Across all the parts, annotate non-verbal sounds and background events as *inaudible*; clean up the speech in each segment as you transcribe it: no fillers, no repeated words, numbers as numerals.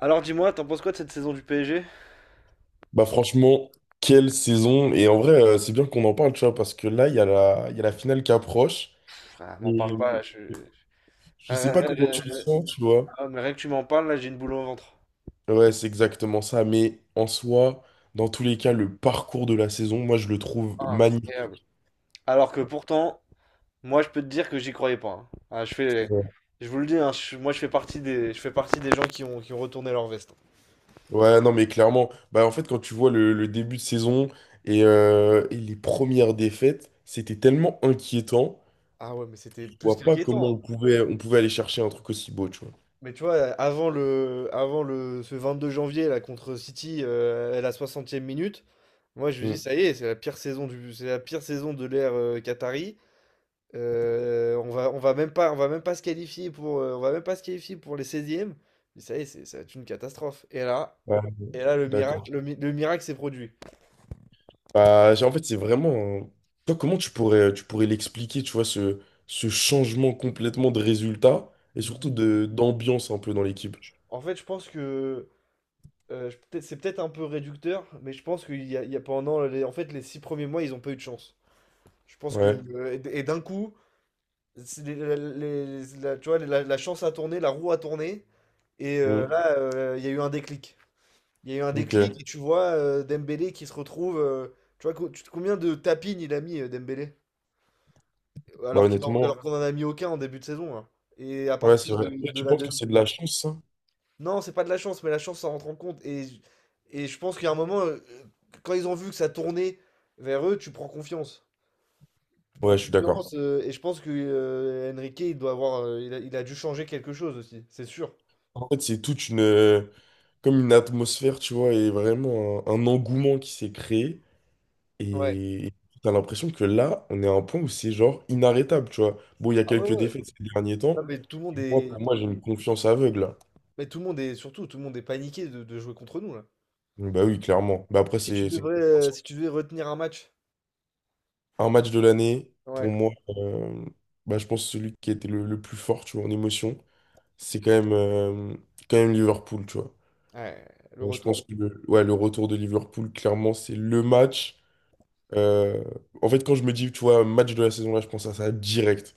Alors dis-moi, t'en penses quoi de cette saison du PSG? Bah franchement, quelle saison! Et en vrai, c'est bien qu'on en parle, tu vois, parce que là, il y a la finale qui approche. Frère, m'en parle Et pas, là, je... euh, je Ah, sais pas rien- comment rien- tu le rien- *laughs* sens, tu vois. ah, mais rien que tu m'en parles, là, j'ai une boule au ventre. Ouais, c'est exactement ça. Mais en soi, dans tous les cas, le parcours de la saison, moi, je le trouve Ah, incroyable. magnifique. Alors que pourtant, moi, je peux te dire que j'y croyais pas, hein. Ouais, Je vous le dis, hein, moi, je fais partie des gens qui ont retourné leur veste, hein. Ouais, non, mais clairement, bah en fait, quand tu vois le début de saison et les premières défaites, c'était tellement inquiétant. Ah ouais, mais c'était Je plus vois pas comment qu'inquiétant, hein. On pouvait aller chercher un truc aussi beau, tu vois. Mais tu vois, ce 22 janvier, là, contre City, à la 60e minute, moi, je me dis, Mm. ça y est, c'est la pire saison de l'ère Qatari. On va même pas se qualifier pour, on va même pas se qualifier pour les seizièmes. Mais ça y est, ça va être une catastrophe. Ouais, Et là, d'accord. Le miracle s'est produit. Bah, en fait, c'est vraiment. Toi, comment tu pourrais l'expliquer, tu vois, ce changement complètement de résultat et surtout de d'ambiance un peu dans l'équipe? En fait, je pense que c'est peut-être un peu réducteur, mais je pense il y a pendant les, en fait, les 6 premiers mois, ils n'ont pas eu de chance. Je pense que Ouais. Et d'un coup, c'est les- la- tu vois, la chance a tourné, la roue a tourné, et Mhm. là, il y a eu un déclic. Il y a eu un déclic Ok. et tu vois Dembélé qui se retrouve, euh. Combien de tapines il a mis Dembélé? Bah, honnêtement, Alors qu'on en a mis aucun en début de saison, hein. Et à ouais, c'est partir vrai. Et de tu la penses que demi. c'est de la chance, ça? Non, c'est pas de la chance, mais la chance, ça rentre en compte. Et je pense qu'il y a un moment, quand ils ont vu que ça tournait vers eux, tu prends confiance. Tu prends Ouais, je suis d'accord. confiance, et je pense que Enrique, il a dû changer quelque chose aussi, c'est sûr. En fait, c'est toute une. Comme une atmosphère, tu vois, et vraiment un engouement qui s'est créé. Ouais. Et t'as l'impression que là, on est à un point où c'est genre inarrêtable, tu vois. Bon, il y a Ah ouais, quelques ouais. défaites ces derniers Non, temps. mais tout le monde Moi, est. pour moi, j'ai une confiance aveugle. Mais tout le monde est. Surtout, tout le monde est paniqué de jouer contre nous, là. Bah oui, clairement. Bah après, c'est compréhensible. Si tu devais retenir un match, Un match de l'année. Pour ouais, moi, bah, je pense que celui qui était le plus fort, tu vois, en émotion, c'est quand même Liverpool, tu vois. ouais, le Je retour pense que le, ouais, le retour de Liverpool, clairement, c'est le match. euh, En fait, quand je me dis, tu vois, match de la saison, là, je pense à ça direct.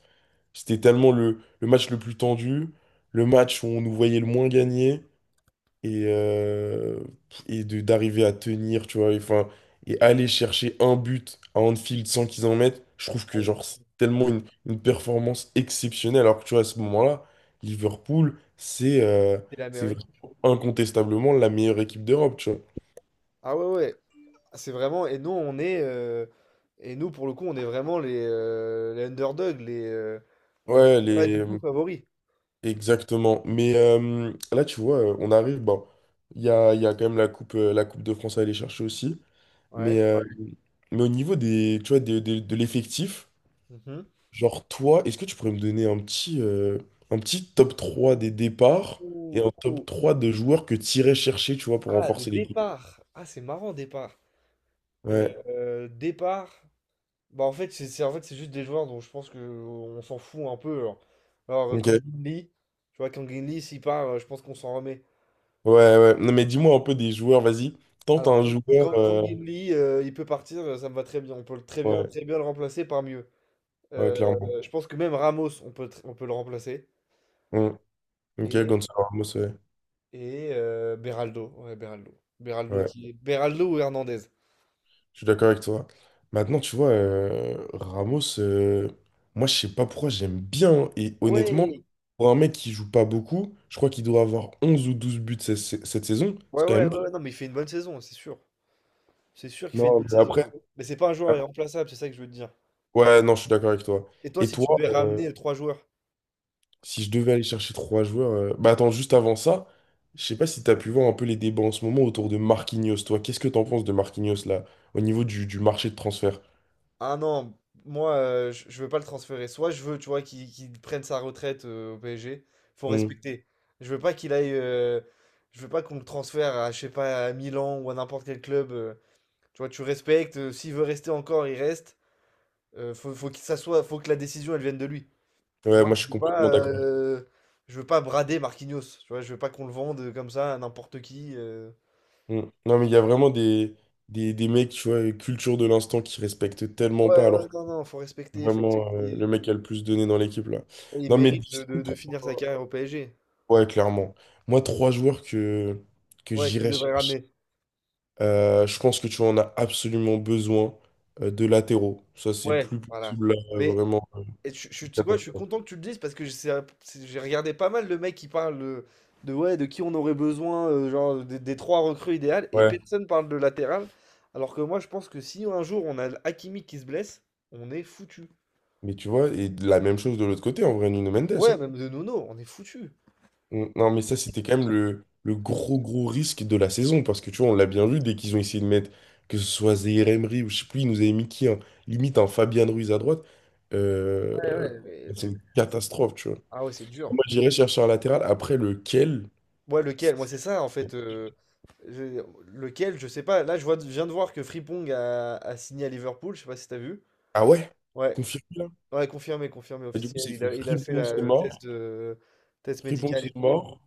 C'était tellement le match le plus tendu, le match où on nous voyait le moins gagner. et, euh, et de d'arriver à tenir, tu vois, et, enfin, et aller chercher un but à Anfield sans qu'ils en mettent, je trouve que genre c'est tellement une performance exceptionnelle, alors que tu vois, à ce moment-là, Liverpool, c'est euh, c'est c'est l'Amérique. vraiment incontestablement la meilleure équipe d'Europe, tu vois. Ah ouais, ouais, c'est vraiment. Et nous, on est, et nous pour le coup, on est vraiment les underdogs, on n'est Ouais, pas du tout favoris. exactement. Mais là, tu vois, on arrive, bon, il y a quand même la coupe, de France à aller chercher aussi, mais, Ouais. euh, mais au niveau des, tu vois, de l'effectif. Mhm. Genre, toi, est-ce que tu pourrais me donner un petit top 3 des départs et Ouh, un top trois de joueurs que tu irais chercher, tu vois, pour Ah, de renforcer l'équipe? départ. Ah, c'est marrant, départ. Ouais. Départ. Bah en fait, en fait, c'est juste des joueurs dont je pense que on s'en fout un peu, genre. Alors, Ok. Kang In Lee, tu vois, Kang In Lee, s'il part, je pense qu'on s'en remet. Ouais, ouais. Non, mais dis-moi un peu des joueurs, vas-y. Tente Alors, un quand, joueur. Quand Gimli, il peut partir, ça me va très bien. Très bien, Ouais, très bien le remplacer par mieux. ouais, Euh, clairement. je pense que même Ramos, on peut le remplacer. Mm. Ok, Et, Gonzalo Ramos, ouais. et Beraldo. Ouais, Beraldo. Beraldo Ouais, qui est... Beraldo ou Hernandez. je suis d'accord avec toi. Maintenant, tu vois, Ramos, moi, je sais pas pourquoi j'aime bien. Hein, et honnêtement, Ouais, pour un mec qui joue pas beaucoup, je crois qu'il doit avoir 11 ou 12 buts cette saison. ouais, C'est quand ouais, même. ouais, ouais, non, mais il fait une bonne saison, c'est sûr. C'est sûr qu'il fait une Non, bonne mais saison. après, Mais c'est pas un joueur après- irremplaçable, c'est ça que je veux te dire. ouais, non, je suis d'accord avec toi. Et toi, Et si toi, tu devais ramener trois joueurs? si je devais aller chercher trois joueurs, bah attends, juste avant ça, je sais pas si t'as pu voir un peu les débats en ce moment autour de Marquinhos. Toi, qu'est-ce que t'en penses de Marquinhos là, au niveau du marché de transfert? Ah non, moi, je veux pas le transférer. Soit je veux, tu vois, qu'il prenne sa retraite au PSG. Faut Hmm. respecter. Je veux pas qu'il aille, je veux pas qu'on le transfère à, je sais pas, à Milan ou à n'importe quel club, euh. Tu vois, tu respectes, s'il veut rester encore, il reste. Euh, faut qu'il s'assoie. Faut que la décision, elle vienne de lui. Ouais, Moi, moi je suis je veux pas, complètement d'accord. Je veux pas brader Marquinhos. Tu vois, je veux pas qu'on le vende comme ça à n'importe qui, euh. Hmm. Non, mais il y a vraiment des mecs, tu vois, culture de l'instant qui respectent tellement pas, Ouais, alors non, non, faut que respecter, faut vraiment le respecter. mec a le plus donné dans l'équipe là. Il Non, mais mérite de de finir sa carrière au PSG. ouais, clairement. Moi, trois joueurs que Ouais, que tu j'irais devrais chercher. ramener. Je pense que tu en as absolument besoin de latéraux. Ça, c'est Ouais, plus voilà. possible, là, Mais vraiment. Et C'est je une tu sais quoi? Je suis catastrophe. content que tu le dises parce que c'est un c'est j'ai regardé pas mal le mec qui parle, de ouais, de qui on aurait besoin, genre des 3 recrues idéales et mmh. Ouais. Personne parle de latéral. Alors que moi, je pense que si un jour on a Hakimi qui se blesse, on est foutu. Mais tu vois, et de la même chose de l'autre côté, en vrai, Nuno Mendes. Ouais, Hein. même de Nono, on est foutu. Non, mais ça, c'était quand même le, gros, gros risque de la saison. Parce que tu vois, on l'a bien vu, dès qu'ils ont essayé de mettre, que ce soit Zaïre Emery ou je sais plus, ils nous avaient mis qui, hein, limite un Fabian Ruiz à droite. euh, Ouais, mais c'est c'est une catastrophe, tu vois. ah ouais, c'est dur. Moi, j'irais chercher un latéral. Après, lequel? Ouais, lequel? Moi, c'est ça en fait, je lequel? Je sais pas. Là, je viens de voir que Frimpong a signé à Liverpool, je sais pas si t'as vu? Ah ouais? Ouais. Confirmé. Ouais, confirmé, confirmé Et du coup, officiel. ça fait Il a fait Frimpong, c'est le mort. test de test Frimpong, médical et c'est tout, euh. mort.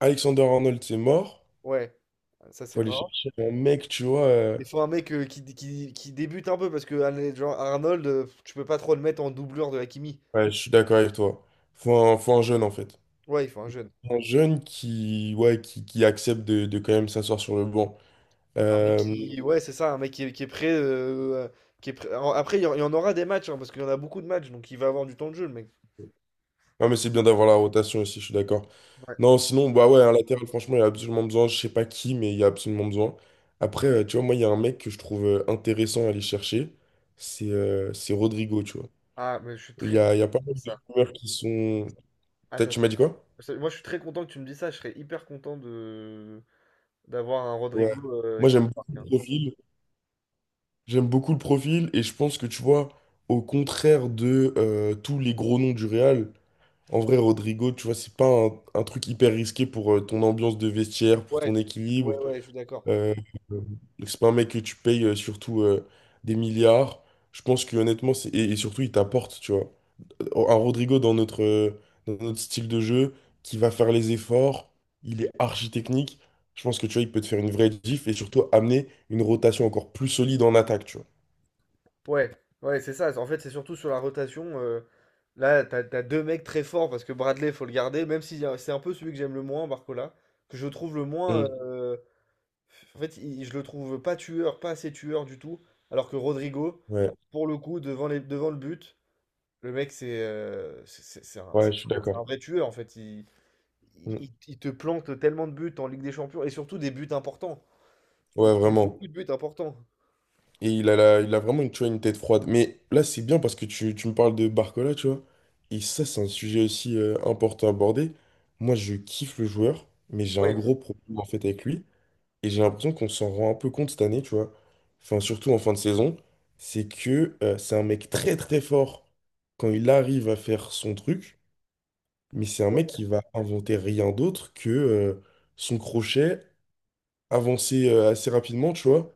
Alexander Arnold, c'est mort. Ouais, ah, ça c'est Faut aller mort. chercher un mec, tu vois. Il faut un mec, euh, qui débute un peu parce que Arnold, tu peux pas trop le mettre en doublure de Hakimi. Ouais, je suis d'accord avec toi. Faut un jeune, en fait. Ouais, il faut un jeune. Un jeune qui, ouais, qui accepte de quand même s'asseoir sur le banc. Un mec Euh... qui, ouais, c'est ça, un mec qui est prêt, Après, il y en aura des matchs, hein, parce qu'il y en a beaucoup de matchs, donc il va avoir du temps de jeu, le mec. Non, mais c'est bien d'avoir la rotation aussi, je suis d'accord. Ouais. Non, sinon, bah ouais, un latéral, franchement, il y a absolument besoin. Je sais pas qui, mais il y a absolument besoin. Après, tu vois, moi, il y a un mec que je trouve intéressant à aller chercher. C'est Rodrigo, tu vois. Ah, mais je suis très content Il y a que pas tu me mal dises de ça. rumeurs qui sont. Ah, T'as ça tu m'as serait- dit quoi? Moi, je suis très content que tu me dises ça. Je serais hyper content de d'avoir un Ouais. Rodrigo, Moi, qui j'aime marque, beaucoup hein. le profil. J'aime beaucoup le profil et je pense que tu vois, au contraire de tous les gros noms du Real, en vrai, Rodrigo, tu vois, c'est pas un truc hyper risqué pour ton ambiance de vestiaire, pour ton Ouais, ouais, équilibre. ouais, je suis d'accord. Euh, euh, c'est pas un mec que tu payes surtout des milliards. Je pense que honnêtement, c'est- et surtout, il t'apporte, tu vois. Un Rodrigo dans notre style de jeu, qui va faire les efforts, il est archi technique. Je pense que tu vois, il peut te faire une vraie diff et surtout amener une rotation encore plus solide en attaque, tu vois. Ouais, ouais, c'est ça. En fait, c'est surtout sur la rotation, là, t'as deux mecs très forts parce que Bradley, faut le garder. Même si c'est un peu celui que j'aime le moins, Barcola, que je trouve le moins, Mm. En fait, je le trouve pas tueur, pas assez tueur du tout. Alors que Rodrigo, Ouais, pour le coup, devant le but, le mec, ouais, c'est un je suis vrai d'accord. Tueur. En fait, Mm. Il te plante tellement de buts en Ligue des Champions et surtout des buts importants. Ouais, Il te met vraiment. beaucoup de buts importants. Et il a, il a vraiment une, tu vois, une tête froide. Mais là, c'est bien parce que tu me parles de Barcola, tu vois. Et ça, c'est un sujet aussi important à aborder. Moi, je kiffe le joueur, mais j'ai un Ouais, gros problème en fait avec lui. Et j'ai l'impression qu'on s'en rend un peu compte cette année, tu vois. Enfin, surtout en fin de saison. C'est que c'est un mec très très fort quand il arrive à faire son truc. Mais c'est un mec qui va inventer rien d'autre que son crochet, avancer assez rapidement, tu vois.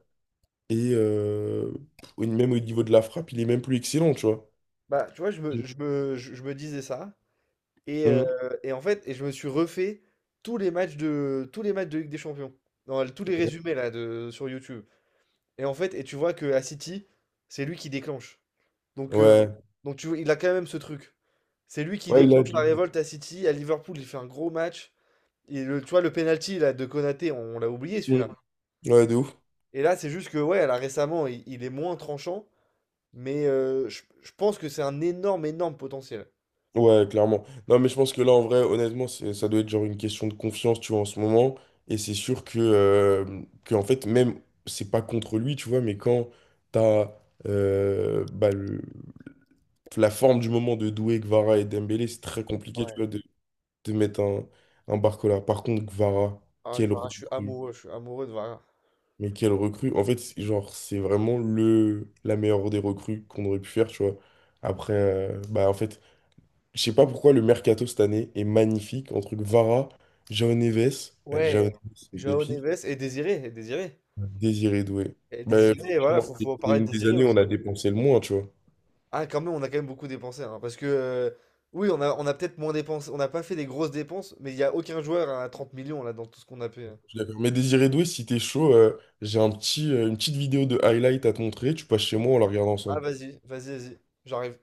Et même au niveau de la frappe, il est même plus excellent, tu vois. bah, tu vois, je me disais ça. Et, euh, Mm. et en fait, et je me suis refait tous les matchs de Ligue des Champions. Non, tous les résumés là de, sur YouTube. Et en fait, et tu vois que à City, c'est lui qui déclenche. Donc, euh, Ouais. donc tu vois, il a quand même ce truc. C'est lui qui Ouais, il a déclenche la du- révolte à City. À Liverpool, il fait un gros match. Et le, tu vois, le penalty là, de Konaté, on l'a oublié Mm. celui-là. Ouais, de ouf. Et là, c'est juste que, ouais, là, récemment, il est moins tranchant. Mais euh, je pense que c'est un énorme, énorme potentiel. Ouais, clairement. Non, mais je pense que là, en vrai, honnêtement, c'est- ça doit être genre une question de confiance, tu vois, en ce moment. Et c'est sûr que, en fait, même, c'est pas contre lui, tu vois, mais quand t'as bah, la forme du moment de Doué, Kvara et Dembélé, c'est très compliqué, tu vois, de mettre un Barcola. Par contre, Kvara, Ah, quel Clara, recrue. Je suis amoureux de Vargas. Mais quelle recrue. En fait, c'est- genre, c'est vraiment le la meilleure des recrues qu'on aurait pu faire, tu vois. Après, bah en fait, je sais pas pourquoi le mercato cette année est magnifique. Entre Vara, Jao Neves, bah, Jao Ouais, Neves, c'est une Joao pépite, Neves et Désiré, Désiré Doué. et Bah, Désiré, voilà, franchement, c'est faut parler de une des Désiré années où aussi. on a dépensé le moins, tu vois. Ah, quand même, on a quand même beaucoup dépensé, hein, parce que, oui, on a peut-être moins dépensé, on n'a pas fait des grosses dépenses, mais il n'y a aucun joueur à 30 millions, là, dans tout ce qu'on a payé. Je suis d'accord. Mais Désiré Doué, si t'es chaud, j'ai un petit, une petite vidéo de highlight à te montrer. Tu passes chez moi, on la regarde Ah, ensemble. vas-y, vas-y, vas-y, j'arrive.